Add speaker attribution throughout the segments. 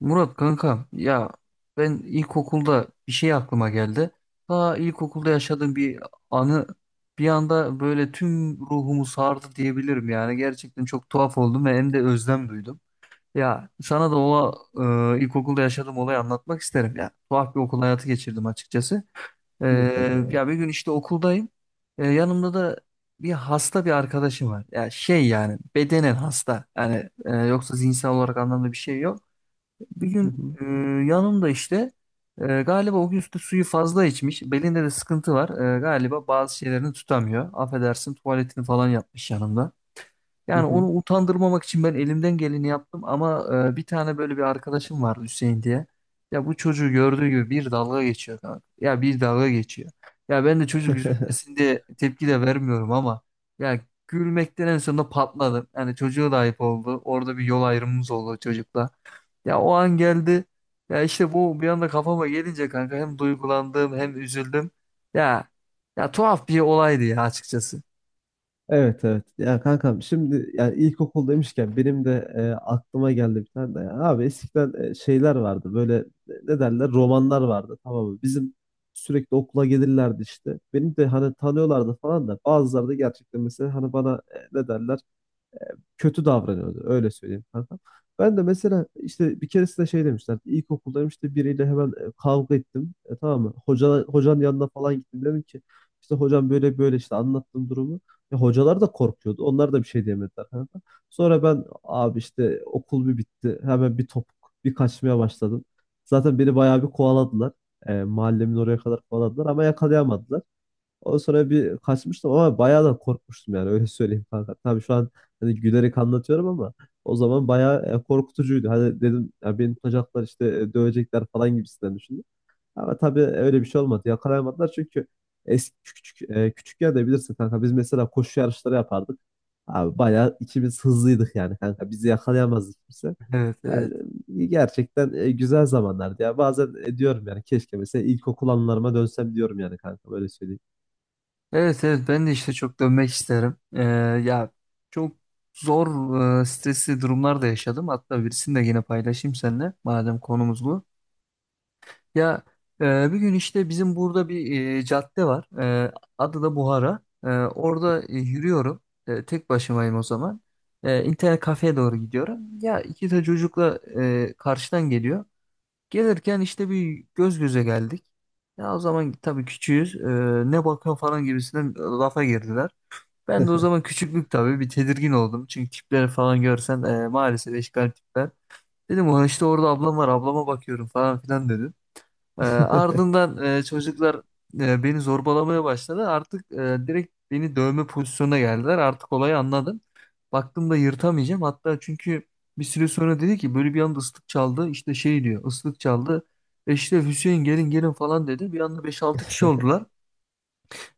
Speaker 1: Murat kankam ya ben ilkokulda bir şey aklıma geldi. Daha ilkokulda yaşadığım bir anı bir anda böyle tüm ruhumu sardı diyebilirim yani. Gerçekten çok tuhaf oldum ve hem de özlem duydum. Ya sana da o ilkokulda yaşadığım olayı anlatmak isterim ya. Tuhaf bir okul hayatı geçirdim açıkçası. Ee,
Speaker 2: Buyur kanka.
Speaker 1: Ya bir gün işte okuldayım. Yanımda da bir hasta bir arkadaşım var. Ya şey yani bedenen hasta. Yani yoksa zihinsel olarak anlamda bir şey yok. Bir
Speaker 2: Hı
Speaker 1: gün
Speaker 2: hı.
Speaker 1: yanımda işte galiba o gün işte suyu fazla içmiş. Belinde de sıkıntı var. Galiba bazı şeylerini tutamıyor. Affedersin tuvaletini falan yapmış yanımda.
Speaker 2: Hı
Speaker 1: Yani
Speaker 2: hı.
Speaker 1: onu utandırmamak için ben elimden geleni yaptım ama bir tane böyle bir arkadaşım vardı Hüseyin diye. Ya bu çocuğu gördüğü gibi bir dalga geçiyor kanka. Ya bir dalga geçiyor. Ya ben de çocuk üzülmesin diye tepki de vermiyorum ama ya gülmekten en sonunda patladım. Yani çocuğa da ayıp oldu. Orada bir yol ayrımımız oldu çocukla. Ya o an geldi. Ya işte bu bir anda kafama gelince kanka hem duygulandım hem üzüldüm. Ya ya tuhaf bir olaydı ya açıkçası.
Speaker 2: Evet evet. Ya kankam, şimdi yani ilkokul demişken benim de aklıma geldi bir tane de. Ya. Abi eskiden şeyler vardı böyle, ne derler, romanlar vardı, tamam mı? Bizim sürekli okula gelirlerdi işte. Beni de hani tanıyorlardı falan da bazıları da gerçekten mesela hani bana ne derler, kötü davranıyordu. Öyle söyleyeyim kanka. Ben de mesela işte bir keresinde şey demişler. İlkokuldayım işte, biriyle hemen kavga ettim. Tamam mı? Hocanın yanına falan gittim. Dedim ki işte hocam böyle böyle, işte anlattım durumu. Hocalar da korkuyordu. Onlar da bir şey diyemediler kanka. Sonra ben abi işte okul bir bitti. Hemen bir topuk bir kaçmaya başladım. Zaten beni bayağı bir kovaladılar. Mahallemin oraya kadar kovaladılar ama yakalayamadılar. Ondan sonra bir kaçmıştım ama bayağı da korkmuştum yani, öyle söyleyeyim kanka. Tabii şu an hani gülerek anlatıyorum ama o zaman bayağı korkutucuydu. Hani dedim ya, beni tutacaklar işte, dövecekler falan gibisinden düşündüm. Ama tabii öyle bir şey olmadı. Yakalayamadılar çünkü eski küçük yerde, bilirsin kanka, biz mesela koşu yarışları yapardık. Abi bayağı ikimiz hızlıydık yani kanka. Bizi yakalayamazdı kimse.
Speaker 1: Evet, evet.
Speaker 2: Yani gerçekten güzel zamanlardı ya. Bazen diyorum yani, keşke mesela ilkokul anılarıma dönsem diyorum yani kanka, böyle söyleyeyim.
Speaker 1: Evet, evet, ben de işte çok dönmek isterim. Ya çok zor stresli durumlar da yaşadım. Hatta birisini de yine paylaşayım seninle madem konumuz bu. Ya bir gün işte bizim burada bir cadde var. E, Adı da Buhara. Orada yürüyorum. Tek başımayım o zaman. İnternet kafeye doğru gidiyorum. Ya iki de çocukla karşıdan geliyor. Gelirken işte bir göz göze geldik. Ya o zaman tabii küçüğüz. Ne bakıyor falan gibisinden lafa girdiler. Ben de o zaman küçüklük tabii bir tedirgin oldum. Çünkü tipleri falan görsen maalesef eşkal tipler. Dedim, "Ulan işte orada ablam var, ablama bakıyorum falan filan." Ardından çocuklar beni zorbalamaya başladı. Artık direkt beni dövme pozisyonuna geldiler. Artık olayı anladım. Baktım da yırtamayacağım. Hatta çünkü bir süre sonra dedi ki, böyle bir anda ıslık çaldı. İşte şey diyor, ıslık çaldı. İşte Hüseyin, gelin gelin falan dedi. Bir anda beş altı kişi oldular.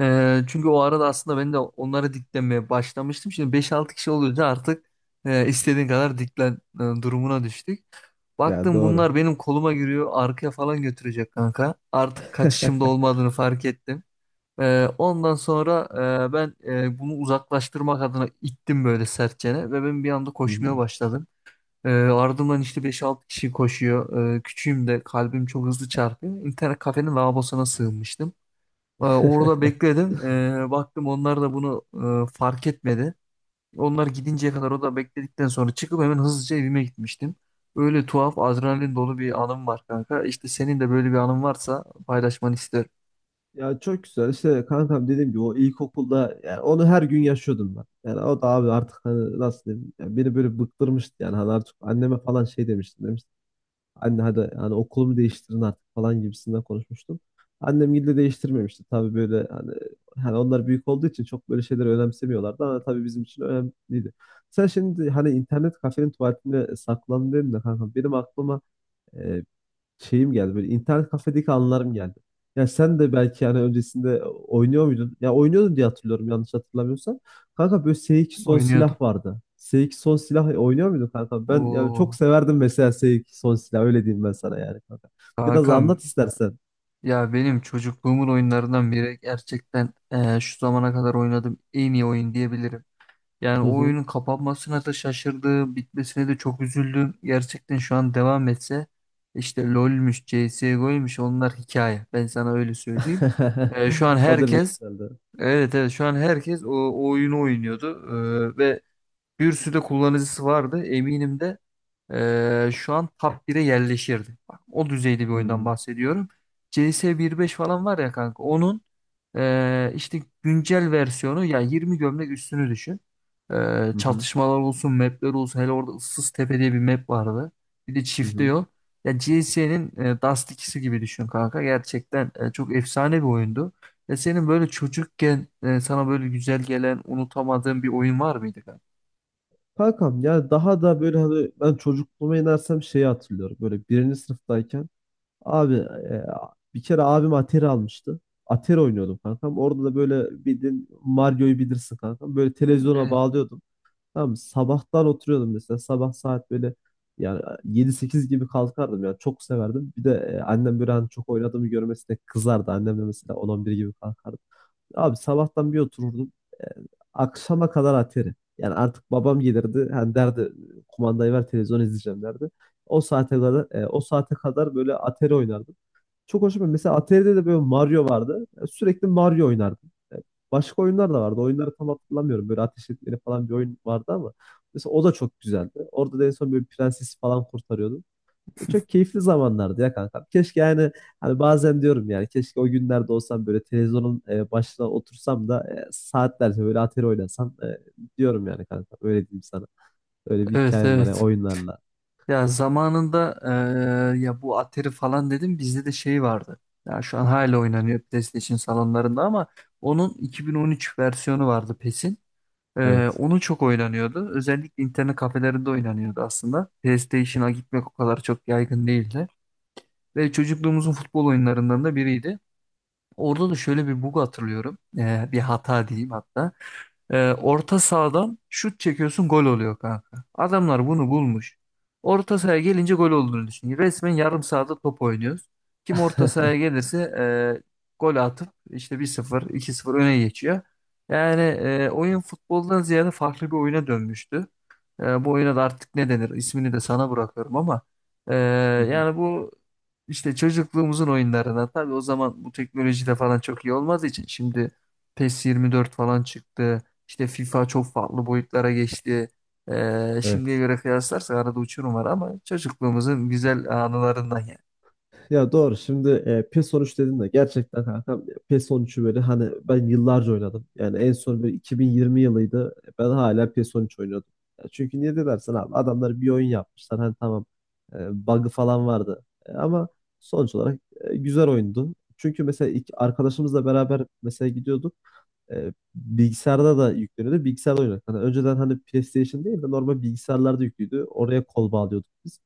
Speaker 1: Çünkü o arada aslında ben de onlara diklenmeye başlamıştım. Şimdi beş altı kişi olunca artık istediğin kadar diklen durumuna düştük.
Speaker 2: Ya
Speaker 1: Baktım bunlar
Speaker 2: doğru.
Speaker 1: benim koluma giriyor, arkaya falan götürecek kanka. Artık kaçışımda olmadığını fark ettim. Ondan sonra ben bunu uzaklaştırmak adına ittim böyle sertçene ve ben bir anda
Speaker 2: Hı hı.
Speaker 1: koşmaya başladım. Ardımdan işte beş altı kişi koşuyor. Küçüğüm de kalbim çok hızlı çarpıyor. İnternet kafenin lavabosuna sığınmıştım. Orada bekledim. Baktım onlar da bunu fark etmedi. Onlar gidinceye kadar o da bekledikten sonra çıkıp hemen hızlıca evime gitmiştim. Öyle tuhaf adrenalin dolu bir anım var kanka. İşte senin de böyle bir anın varsa paylaşmanı isterim.
Speaker 2: Ya çok güzel işte kankam, dediğim gibi o ilkokulda yani onu her gün yaşıyordum ben. Yani o da abi artık, hani nasıl diyeyim yani, beni böyle bıktırmıştı yani, hani artık anneme falan şey demiştim demiştim. Anne hadi, hani okulumu değiştirin artık falan gibisinden konuşmuştum. Annem gille değiştirmemişti tabii, böyle hani onlar büyük olduğu için çok böyle şeyleri önemsemiyorlardı ama tabii bizim için önemliydi. Sen şimdi hani internet kafenin tuvaletinde saklandın dedin de kankam, benim aklıma şeyim geldi, böyle internet kafedeki anılarım geldi. Ya sen de belki yani öncesinde oynuyor muydun? Ya oynuyordun diye hatırlıyorum, yanlış hatırlamıyorsam. Kanka böyle S2 son
Speaker 1: Oynuyordum.
Speaker 2: silah vardı. S2 son silah oynuyor muydun kanka? Ben ya çok
Speaker 1: Oo,
Speaker 2: severdim mesela S2 son silah, öyle diyeyim ben sana yani kanka. Biraz
Speaker 1: kankam
Speaker 2: anlat istersen.
Speaker 1: ya, benim çocukluğumun oyunlarından biri, gerçekten şu zamana kadar oynadığım en iyi oyun diyebilirim. Yani
Speaker 2: Hı
Speaker 1: o
Speaker 2: hı.
Speaker 1: oyunun kapanmasına da şaşırdım, bitmesine de çok üzüldüm. Gerçekten şu an devam etse işte LoL'müş, CS:GO'ymuş onlar hikaye. Ben sana öyle söyleyeyim. Şu an
Speaker 2: O derece
Speaker 1: herkes
Speaker 2: güzeldi.
Speaker 1: evet, evet, şu an herkes o oyunu oynuyordu. Ve bir sürü de kullanıcısı vardı. Eminim de şu an top 1'e yerleşirdi. Bak, o düzeyde bir
Speaker 2: Hı
Speaker 1: oyundan
Speaker 2: hı.
Speaker 1: bahsediyorum. CS beş falan var ya kanka, onun işte güncel versiyonu, yani 20 gömlek üstünü düşün.
Speaker 2: Hı hı.
Speaker 1: Çatışmalar olsun, mapler olsun. Hele orada ıssız tepe diye bir map vardı. Bir de
Speaker 2: Hı
Speaker 1: çifte
Speaker 2: hı.
Speaker 1: yol. Ya CS'nin Dust 2'si gibi düşün kanka. Gerçekten çok efsane bir oyundu. Ya senin böyle çocukken sana böyle güzel gelen, unutamadığın bir oyun var mıydı kanka?
Speaker 2: Kankam ya, daha da böyle hani ben çocukluğuma inersem şeyi hatırlıyorum. Böyle birinci sınıftayken abi, bir kere abim Atari almıştı. Atari oynuyordum kankam. Orada da böyle bildiğin Mario'yu bilirsin kankam. Böyle televizyona
Speaker 1: Evet,
Speaker 2: bağlıyordum. Tamam mı? Sabahtan oturuyordum mesela. Sabah saat böyle yani yedi sekiz gibi kalkardım yani çok severdim. Bir de annem, böyle hani çok oynadığımı görmesine kızardı. Annem de mesela 10-11 gibi kalkardı. Abi sabahtan bir otururdum. E, akşama kadar Atari. Yani artık babam gelirdi. Hani derdi, kumandayı ver, televizyon izleyeceğim derdi. O saate kadar böyle Atari oynardım. Çok hoşuma mesela Atari'de de böyle Mario vardı. Ya sürekli Mario oynardım. Ya başka oyunlar da vardı. Oyunları tam hatırlamıyorum. Böyle ateş etmeli falan bir oyun vardı ama mesela o da çok güzeldi. Orada da en son böyle prensesi falan kurtarıyordum. Çok keyifli zamanlardı ya kanka. Keşke yani, hani bazen diyorum yani keşke o günlerde olsam, böyle televizyonun başına otursam da saatlerce böyle Atari oynasam, diyorum yani kanka. Öyle diyeyim sana. Öyle bir
Speaker 1: evet,
Speaker 2: hikayem var ya
Speaker 1: evet.
Speaker 2: oyunlarla.
Speaker 1: Ya zamanında ya bu Atari falan dedim, bizde de şey vardı. Ya şu an hala oynanıyor PlayStation salonlarında ama onun 2013 versiyonu vardı PES'in.
Speaker 2: Evet.
Speaker 1: Onu çok oynanıyordu. Özellikle internet kafelerinde oynanıyordu aslında. PlayStation'a gitmek o kadar çok yaygın değildi. Ve çocukluğumuzun futbol oyunlarından da biriydi. Orada da şöyle bir bug hatırlıyorum. Bir hata diyeyim hatta. Orta sahadan şut çekiyorsun gol oluyor kanka. Adamlar bunu bulmuş. Orta sahaya gelince gol olduğunu düşün. Resmen yarım sahada top oynuyoruz. Kim orta sahaya gelirse gol atıp işte bir sıfır iki sıfır öne geçiyor. Yani oyun futboldan ziyade farklı bir oyuna dönmüştü. Bu oyuna da artık ne denir, ismini de sana bırakıyorum ama e,
Speaker 2: Hı hı.
Speaker 1: yani bu işte çocukluğumuzun oyunlarına, tabii o zaman bu teknoloji de falan çok iyi olmadığı için şimdi PES 24 falan çıktı. İşte FIFA çok farklı boyutlara geçti. Şimdiye
Speaker 2: Evet.
Speaker 1: göre kıyaslarsak arada uçurum var ama çocukluğumuzun güzel anılarından yani.
Speaker 2: Ya doğru, şimdi PES 13 dedin de gerçekten kankam, PES 13'ü böyle hani ben yıllarca oynadım. Yani en son böyle 2020 yılıydı. Ben hala PES 13 oynuyordum. Ya çünkü, niye de dersen, abi adamlar bir oyun yapmışlar, hani tamam bug'ı falan vardı. Ama sonuç olarak güzel oyundu. Çünkü mesela iki, arkadaşımızla beraber mesela gidiyorduk, bilgisayarda da yükleniyordu. Bilgisayarda oynuyorduk. Hani önceden hani PlayStation değil de normal bilgisayarlarda yüklüydü. Oraya kol bağlıyorduk biz.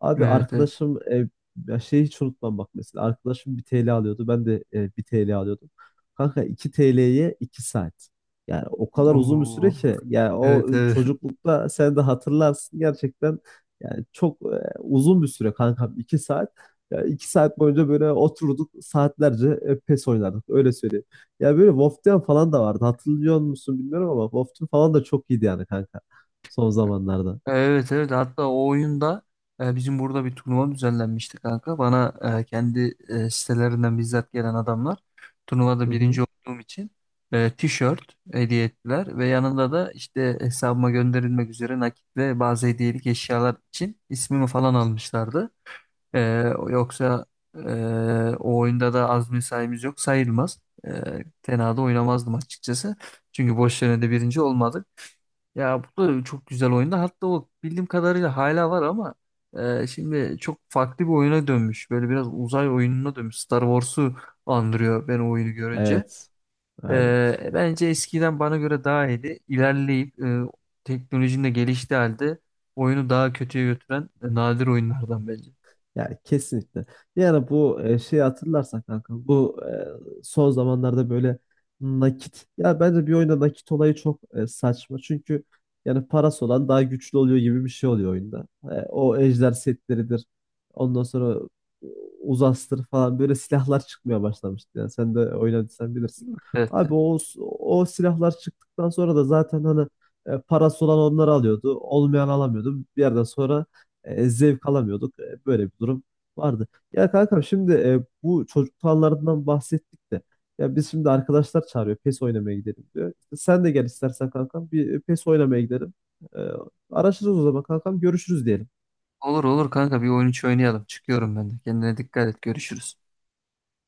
Speaker 2: Abi
Speaker 1: Evet, evet.
Speaker 2: arkadaşım, ya şeyi hiç unutmam, bak mesela. Arkadaşım bir TL alıyordu. Ben de bir TL alıyordum. Kanka 2 TL'ye 2 saat. Yani o kadar uzun bir süre
Speaker 1: Oo.
Speaker 2: ki yani, o
Speaker 1: Evet, evet.
Speaker 2: çocuklukta sen de hatırlarsın gerçekten, yani çok uzun bir süre kankam, 2 saat. Ya 2 saat boyunca böyle oturduk, saatlerce PES oynardık, öyle söyleyeyim. Ya böyle Wolfteam falan da vardı. Hatırlıyor musun bilmiyorum ama Wolfteam falan da çok iyiydi yani kanka. Son zamanlarda.
Speaker 1: Evet, evet, hatta o oyunda bizim burada bir turnuva düzenlenmişti kanka. Bana kendi sitelerinden bizzat gelen adamlar,
Speaker 2: Hı
Speaker 1: turnuvada
Speaker 2: hı.
Speaker 1: birinci olduğum için tişört hediye ettiler ve yanında da işte hesabıma gönderilmek üzere nakit ve bazı hediyelik eşyalar için ismimi falan almışlardı. Ee, Yoksa e, o oyunda da az mesaimiz yok sayılmaz. Tenada oynamazdım açıkçası. Çünkü boş yerine de birinci olmadık. Ya bu da çok güzel oyunda. Hatta o bildiğim kadarıyla hala var ama şimdi çok farklı bir oyuna dönmüş. Böyle biraz uzay oyununa dönmüş. Star Wars'u andırıyor ben o oyunu görünce.
Speaker 2: Evet. Aynen.
Speaker 1: Bence eskiden bana göre daha iyiydi. İlerleyip teknolojinin de geliştiği halde oyunu daha kötüye götüren nadir oyunlardan bence.
Speaker 2: Yani kesinlikle. Yani bu şeyi hatırlarsan kanka, bu son zamanlarda böyle nakit, ya bence bir oyunda nakit olayı çok saçma. Çünkü yani parası olan daha güçlü oluyor gibi bir şey oluyor oyunda. O ejder setleridir. Ondan sonra e, uzastır falan böyle silahlar çıkmaya başlamıştı. Yani sen de oynadıysan bilirsin.
Speaker 1: Evet.
Speaker 2: Abi o silahlar çıktıktan sonra da zaten hani parası olan onları alıyordu. Olmayan alamıyordu. Bir yerden sonra zevk alamıyorduk. Böyle bir durum vardı. Ya kankam, şimdi bu çocuklarından bahsettik de, ya biz şimdi, arkadaşlar çağırıyor PES oynamaya gidelim diyor. İşte sen de gel istersen kankam, bir PES oynamaya gidelim. E, araşırız o zaman kankam, görüşürüz diyelim.
Speaker 1: Olur olur kanka, bir oyun içi oynayalım. Çıkıyorum ben de. Kendine dikkat et. Görüşürüz.